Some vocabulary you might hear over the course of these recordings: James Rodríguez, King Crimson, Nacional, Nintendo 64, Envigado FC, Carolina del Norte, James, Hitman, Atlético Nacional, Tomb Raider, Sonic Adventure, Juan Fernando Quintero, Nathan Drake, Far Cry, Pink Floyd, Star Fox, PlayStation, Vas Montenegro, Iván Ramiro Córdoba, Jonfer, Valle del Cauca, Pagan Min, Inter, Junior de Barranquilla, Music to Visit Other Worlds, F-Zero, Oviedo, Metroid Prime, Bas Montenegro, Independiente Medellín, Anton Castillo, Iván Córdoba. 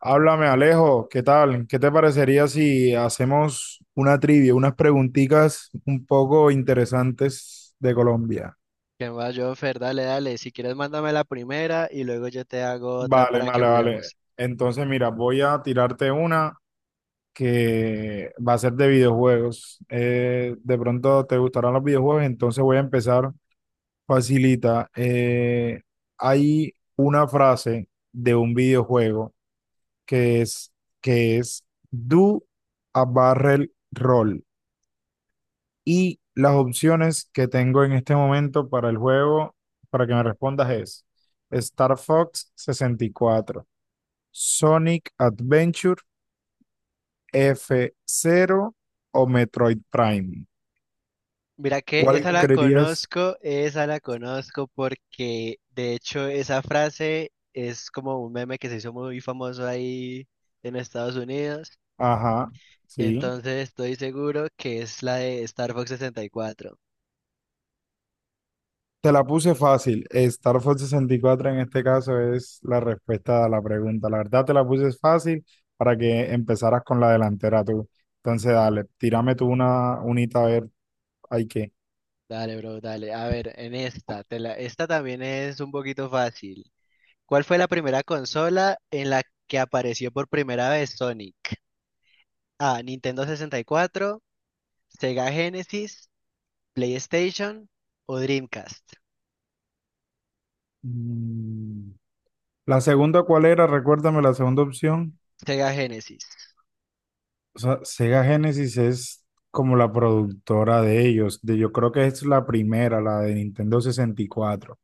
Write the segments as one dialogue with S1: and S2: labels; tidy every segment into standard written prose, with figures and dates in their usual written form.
S1: Háblame, Alejo, ¿qué tal? ¿Qué te parecería si hacemos una trivia, unas preguntitas un poco interesantes de Colombia?
S2: ¿Qué más, Jonfer? Dale, dale. Si quieres, mándame la primera y luego yo te hago otra
S1: Vale,
S2: para que
S1: vale, vale.
S2: juguemos.
S1: Entonces, mira, voy a tirarte una que va a ser de videojuegos. De pronto te gustarán los videojuegos, entonces voy a empezar facilita. Hay una frase de un videojuego que es, que es Do a Barrel Roll. Y las opciones que tengo en este momento para el juego, para que me respondas es Star Fox 64, Sonic Adventure, F-Zero o Metroid Prime.
S2: Mira que
S1: ¿Cuál creerías?
S2: esa la conozco porque de hecho esa frase es como un meme que se hizo muy famoso ahí en Estados Unidos.
S1: Ajá, sí.
S2: Entonces estoy seguro que es la de Star Fox 64.
S1: Te la puse fácil. Star Fox 64 en este caso es la respuesta a la pregunta. La verdad te la puse fácil para que empezaras con la delantera tú. Entonces, dale, tírame tú una unita a ver, hay que
S2: Dale, bro, dale. A ver, en esta, esta también es un poquito fácil. ¿Cuál fue la primera consola en la que apareció por primera vez Sonic? A. Nintendo 64, Sega Genesis, PlayStation o Dreamcast.
S1: Mm, la segunda, ¿cuál era? Recuérdame la segunda opción.
S2: Sega Genesis.
S1: O sea, Sega Genesis es como la productora de ellos. Yo creo que es la primera, la de Nintendo 64.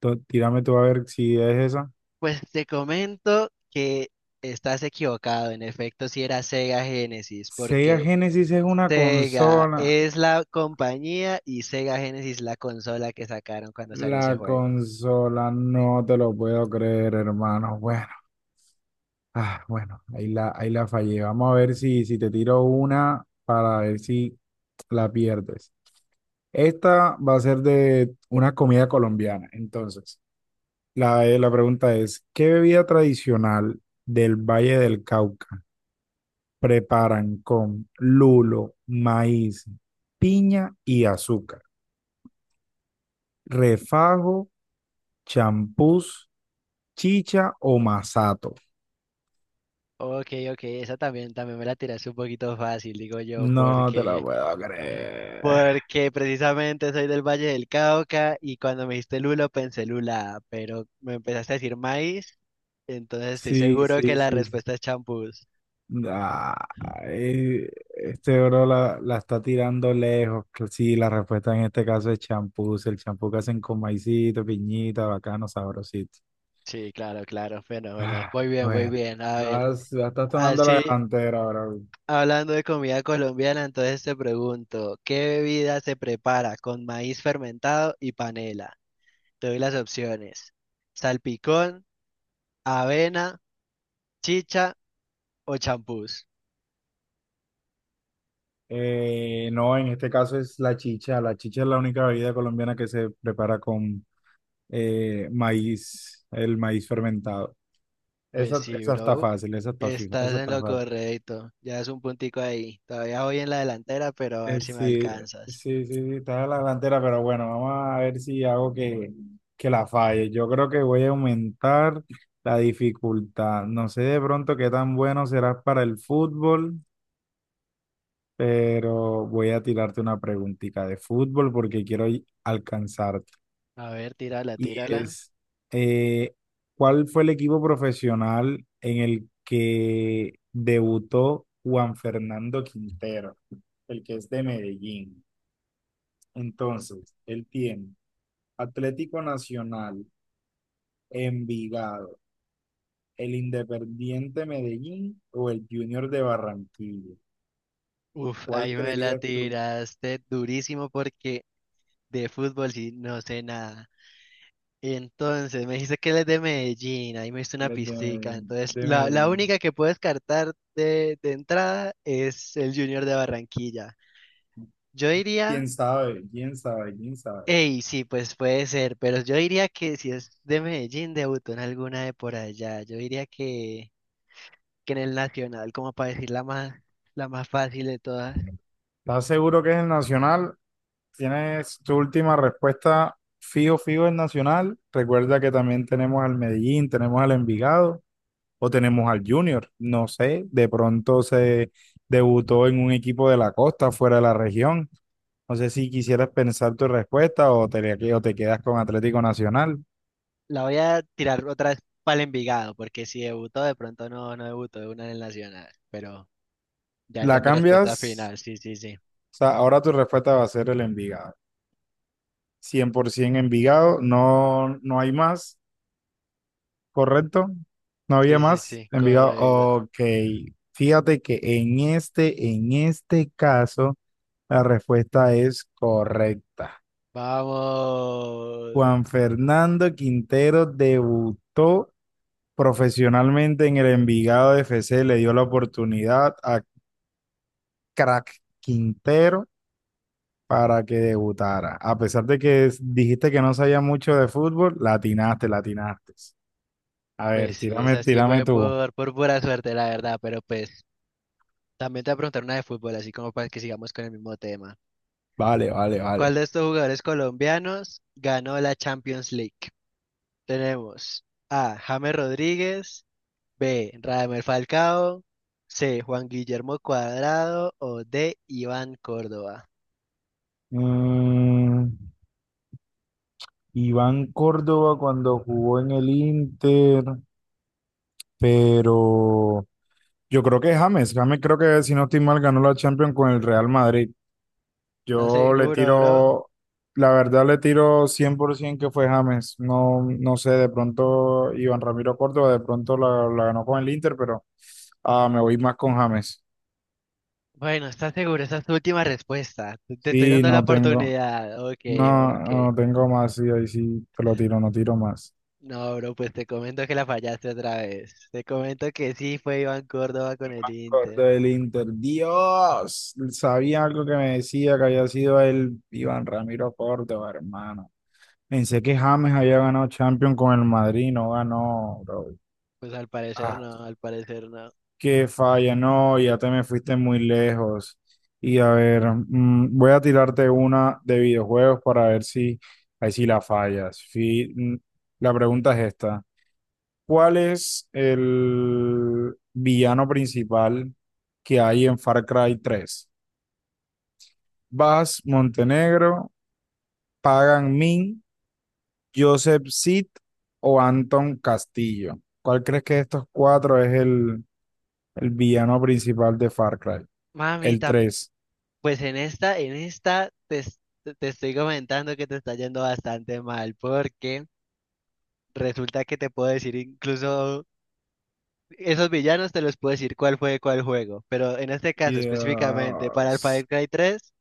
S1: Tírame tú a ver si es esa.
S2: Pues te comento que estás equivocado. En efecto, si era Sega Genesis,
S1: Sega
S2: porque
S1: Genesis es una
S2: Sega
S1: consola.
S2: es la compañía y Sega Genesis la consola que sacaron cuando
S1: La
S2: salió ese juego.
S1: consola, no te lo puedo creer, hermano. Bueno, bueno, ahí la fallé. Vamos a ver si, te tiro una para ver si la pierdes. Esta va a ser de una comida colombiana. Entonces, la pregunta es, ¿qué bebida tradicional del Valle del Cauca preparan con lulo, maíz, piña y azúcar? ¿Refajo, champús, chicha o masato?
S2: Ok, ok, esa también, también me la tiraste un poquito fácil, digo yo,
S1: No te la
S2: porque
S1: puedo creer.
S2: porque precisamente soy del Valle del Cauca y cuando me dijiste lulo pensé lula, pero me empezaste a decir maíz, entonces estoy
S1: Sí,
S2: seguro que
S1: sí,
S2: la
S1: sí, sí.
S2: respuesta es champús.
S1: Ah, este bro la está tirando lejos. Sí, la respuesta en este caso es champús, el champú que hacen con maicito, piñita, bacano, sabrosito.
S2: Sí, claro, claro. Bueno, bueno, muy bien, muy
S1: Bueno,
S2: bien. A ver,
S1: vas, ya estás tomando
S2: así
S1: la delantera, bro.
S2: hablando de comida colombiana, entonces te pregunto, ¿qué bebida se prepara con maíz fermentado y panela? Te doy las opciones. Salpicón, avena, chicha o champús.
S1: No, en este caso es la chicha. La chicha es la única bebida colombiana que se prepara con maíz, el maíz fermentado.
S2: Pues
S1: Esa,
S2: sí,
S1: esa está
S2: bro.
S1: fácil, esa está, fi-
S2: Estás
S1: esa
S2: en
S1: está
S2: lo
S1: fácil.
S2: correcto. Ya es un puntico ahí. Todavía voy en la delantera, pero a ver si me
S1: Sí,
S2: alcanzas.
S1: sí, sí, sí, está en la delantera, pero bueno, vamos a ver si hago que la falle. Yo creo que voy a aumentar la dificultad. No sé de pronto qué tan bueno serás para el fútbol, pero voy a tirarte una preguntita de fútbol porque quiero alcanzarte.
S2: A ver, tírala,
S1: Y
S2: tírala.
S1: es, eh, ¿Cuál fue el equipo profesional en el que debutó Juan Fernando Quintero, el que es de Medellín? Entonces, él tiene Atlético Nacional, Envigado, el Independiente Medellín o el Junior de Barranquilla.
S2: Uf,
S1: ¿Cuál
S2: ahí me la
S1: creerías tú,
S2: tiraste durísimo porque de fútbol sí no sé nada. Entonces, me dijiste que él es de Medellín, ahí me hizo una
S1: los
S2: pistica.
S1: de,
S2: Entonces,
S1: de
S2: la
S1: Medellín?
S2: única que puedo descartar de entrada es el Junior de Barranquilla. Yo diría.
S1: ¿Quién sabe? ¿Quién sabe? ¿Quién sabe?
S2: Ey, sí, pues puede ser, pero yo diría que si es de Medellín, debutó en alguna de por allá. Yo diría que en el Nacional, como para decir la más fácil de todas.
S1: ¿Estás seguro que es el Nacional? ¿Tienes tu última respuesta fijo, fijo el Nacional? Recuerda que también tenemos al Medellín, tenemos al Envigado o tenemos al Junior, no sé, de pronto se debutó en un equipo de la costa, fuera de la región. No sé si quisieras pensar tu respuesta o te, quedas con Atlético Nacional.
S2: La voy a tirar otra vez para el Envigado, porque si debutó, de pronto no, no debutó de una en el Nacional. Pero ya esa
S1: La
S2: es mi respuesta
S1: cambias,
S2: final, sí, sí, sí.
S1: o sea, ahora tu respuesta va a ser el Envigado. 100% Envigado, no, no hay más, ¿correcto? No
S2: Sí,
S1: había
S2: sí,
S1: más,
S2: sí,
S1: Envigado.
S2: correcto.
S1: Ok, fíjate que en este caso, la respuesta es correcta.
S2: Vamos.
S1: Juan Fernando Quintero debutó profesionalmente en el Envigado FC, le dio la oportunidad a Crack Quintero para que debutara. A pesar de que dijiste que no sabía mucho de fútbol, latinaste, latinaste. A ver,
S2: Pues sí,
S1: tírame,
S2: esa sí
S1: tírame
S2: fue
S1: tú.
S2: por pura suerte, la verdad, pero pues también te voy a preguntar una de fútbol, así como para que sigamos con el mismo tema.
S1: Vale, vale, vale.
S2: ¿Cuál de estos jugadores colombianos ganó la Champions League? Tenemos A. James Rodríguez, B. Radamel Falcao, C. Juan Guillermo Cuadrado o D. Iván Córdoba.
S1: Mm, Iván Córdoba cuando jugó en el Inter, pero yo creo que James creo que si no estoy mal ganó la Champions con el Real Madrid.
S2: ¿Estás
S1: Yo le
S2: seguro, bro?
S1: tiro, la verdad le tiro 100% que fue James. No, no sé, de pronto Iván Ramiro Córdoba, de pronto la ganó con el Inter, pero me voy más con James.
S2: Bueno, ¿estás seguro? Esa es tu última respuesta. Te estoy
S1: Sí,
S2: dando la
S1: no tengo,
S2: oportunidad. Ok,
S1: no,
S2: ok.
S1: no tengo más, sí, ahí sí te lo tiro, no tiro más.
S2: No, bro, pues te comento que la fallaste otra vez. Te comento que sí fue Iván Córdoba con el Inter.
S1: Córdoba del Inter, Dios, sabía algo que me decía que había sido el Iván Ramiro Córdoba, hermano. Pensé que James había ganado Champions con el Madrid, no ganó, bro.
S2: Pues al parecer no, al parecer no.
S1: Que falla, no, ya te me fuiste muy lejos. Y a ver, voy a tirarte una de videojuegos para ver si ahí sí la fallas. La pregunta es esta. ¿Cuál es el villano principal que hay en Far Cry 3? Vas Montenegro, Pagan Min, Joseph Seed o Anton Castillo. ¿Cuál crees que de estos cuatro es el villano principal de Far Cry? El
S2: Mamita.
S1: tres.
S2: Pues en esta te, es- te te estoy comentando que te está yendo bastante mal, porque resulta que te puedo decir incluso esos villanos te los puedo decir cuál fue de cuál juego, pero en este caso específicamente para el
S1: Dios,
S2: Far Cry 3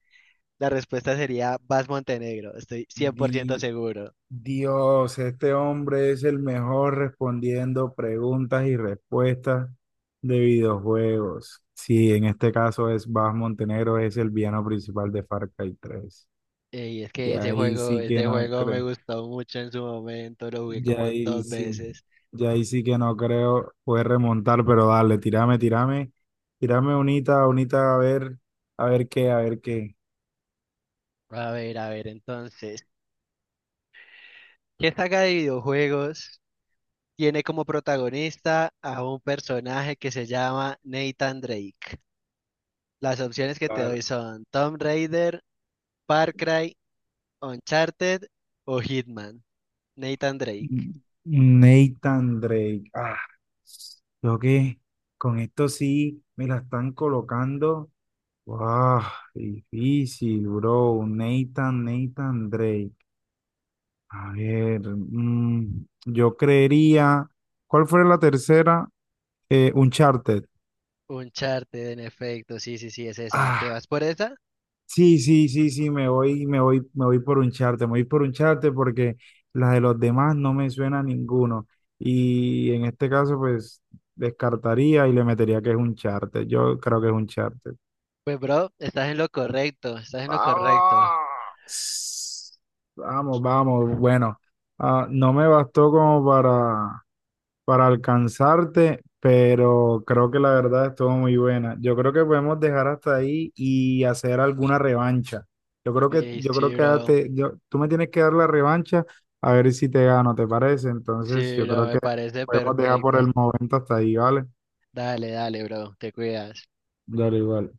S2: la respuesta sería Vas Montenegro, estoy 100%
S1: di-
S2: seguro.
S1: Dios, este hombre es el mejor respondiendo preguntas y respuestas de videojuegos. Sí, en este caso es Bas Montenegro, es el villano principal de Far Cry 3.
S2: Y es que
S1: Ya ahí sí que
S2: ese
S1: no
S2: juego me
S1: creo,
S2: gustó mucho en su momento, lo jugué
S1: ya
S2: como
S1: ahí
S2: dos
S1: sí,
S2: veces.
S1: ya ahí sí que no creo, puede remontar, pero dale, tírame, tírame, tírame unita, unita, a ver qué, a ver qué.
S2: A ver, entonces, ¿qué saga de videojuegos tiene como protagonista a un personaje que se llama Nathan Drake? Las opciones que te doy
S1: Dale.
S2: son Tomb Raider, Far Cry, Uncharted o Hitman. Nathan Drake.
S1: Nathan Drake. Ah, creo que con esto sí me la están colocando. Wow, difícil, bro. Nathan Drake. A ver, yo creería. ¿Cuál fue la tercera? Uncharted.
S2: Uncharted, en efecto, sí, sí, sí, es esa. ¿Te
S1: Ah,
S2: vas por esa?
S1: sí, sí, sí, sí, me voy, me voy, me voy por un charte, me voy por un charte porque las de los demás no me suena a ninguno. Y en este caso, pues, descartaría y le metería que es un charte. Yo creo que es un charte.
S2: Pues, bro, estás en lo correcto, estás en lo correcto.
S1: Vamos, vamos, vamos. Bueno, no me bastó como para alcanzarte, pero creo que la verdad estuvo muy buena. Yo creo que podemos dejar hasta ahí y hacer alguna revancha. Yo creo que,
S2: Sí,
S1: yo creo
S2: sí,
S1: que
S2: bro.
S1: tú me tienes que dar la revancha a ver si te gano, ¿te parece? Entonces,
S2: Sí,
S1: yo
S2: bro,
S1: creo
S2: me
S1: que
S2: parece
S1: podemos dejar por el
S2: perfecto.
S1: momento hasta ahí, ¿vale?
S2: Dale, dale, bro, te cuidas.
S1: Dale, igual.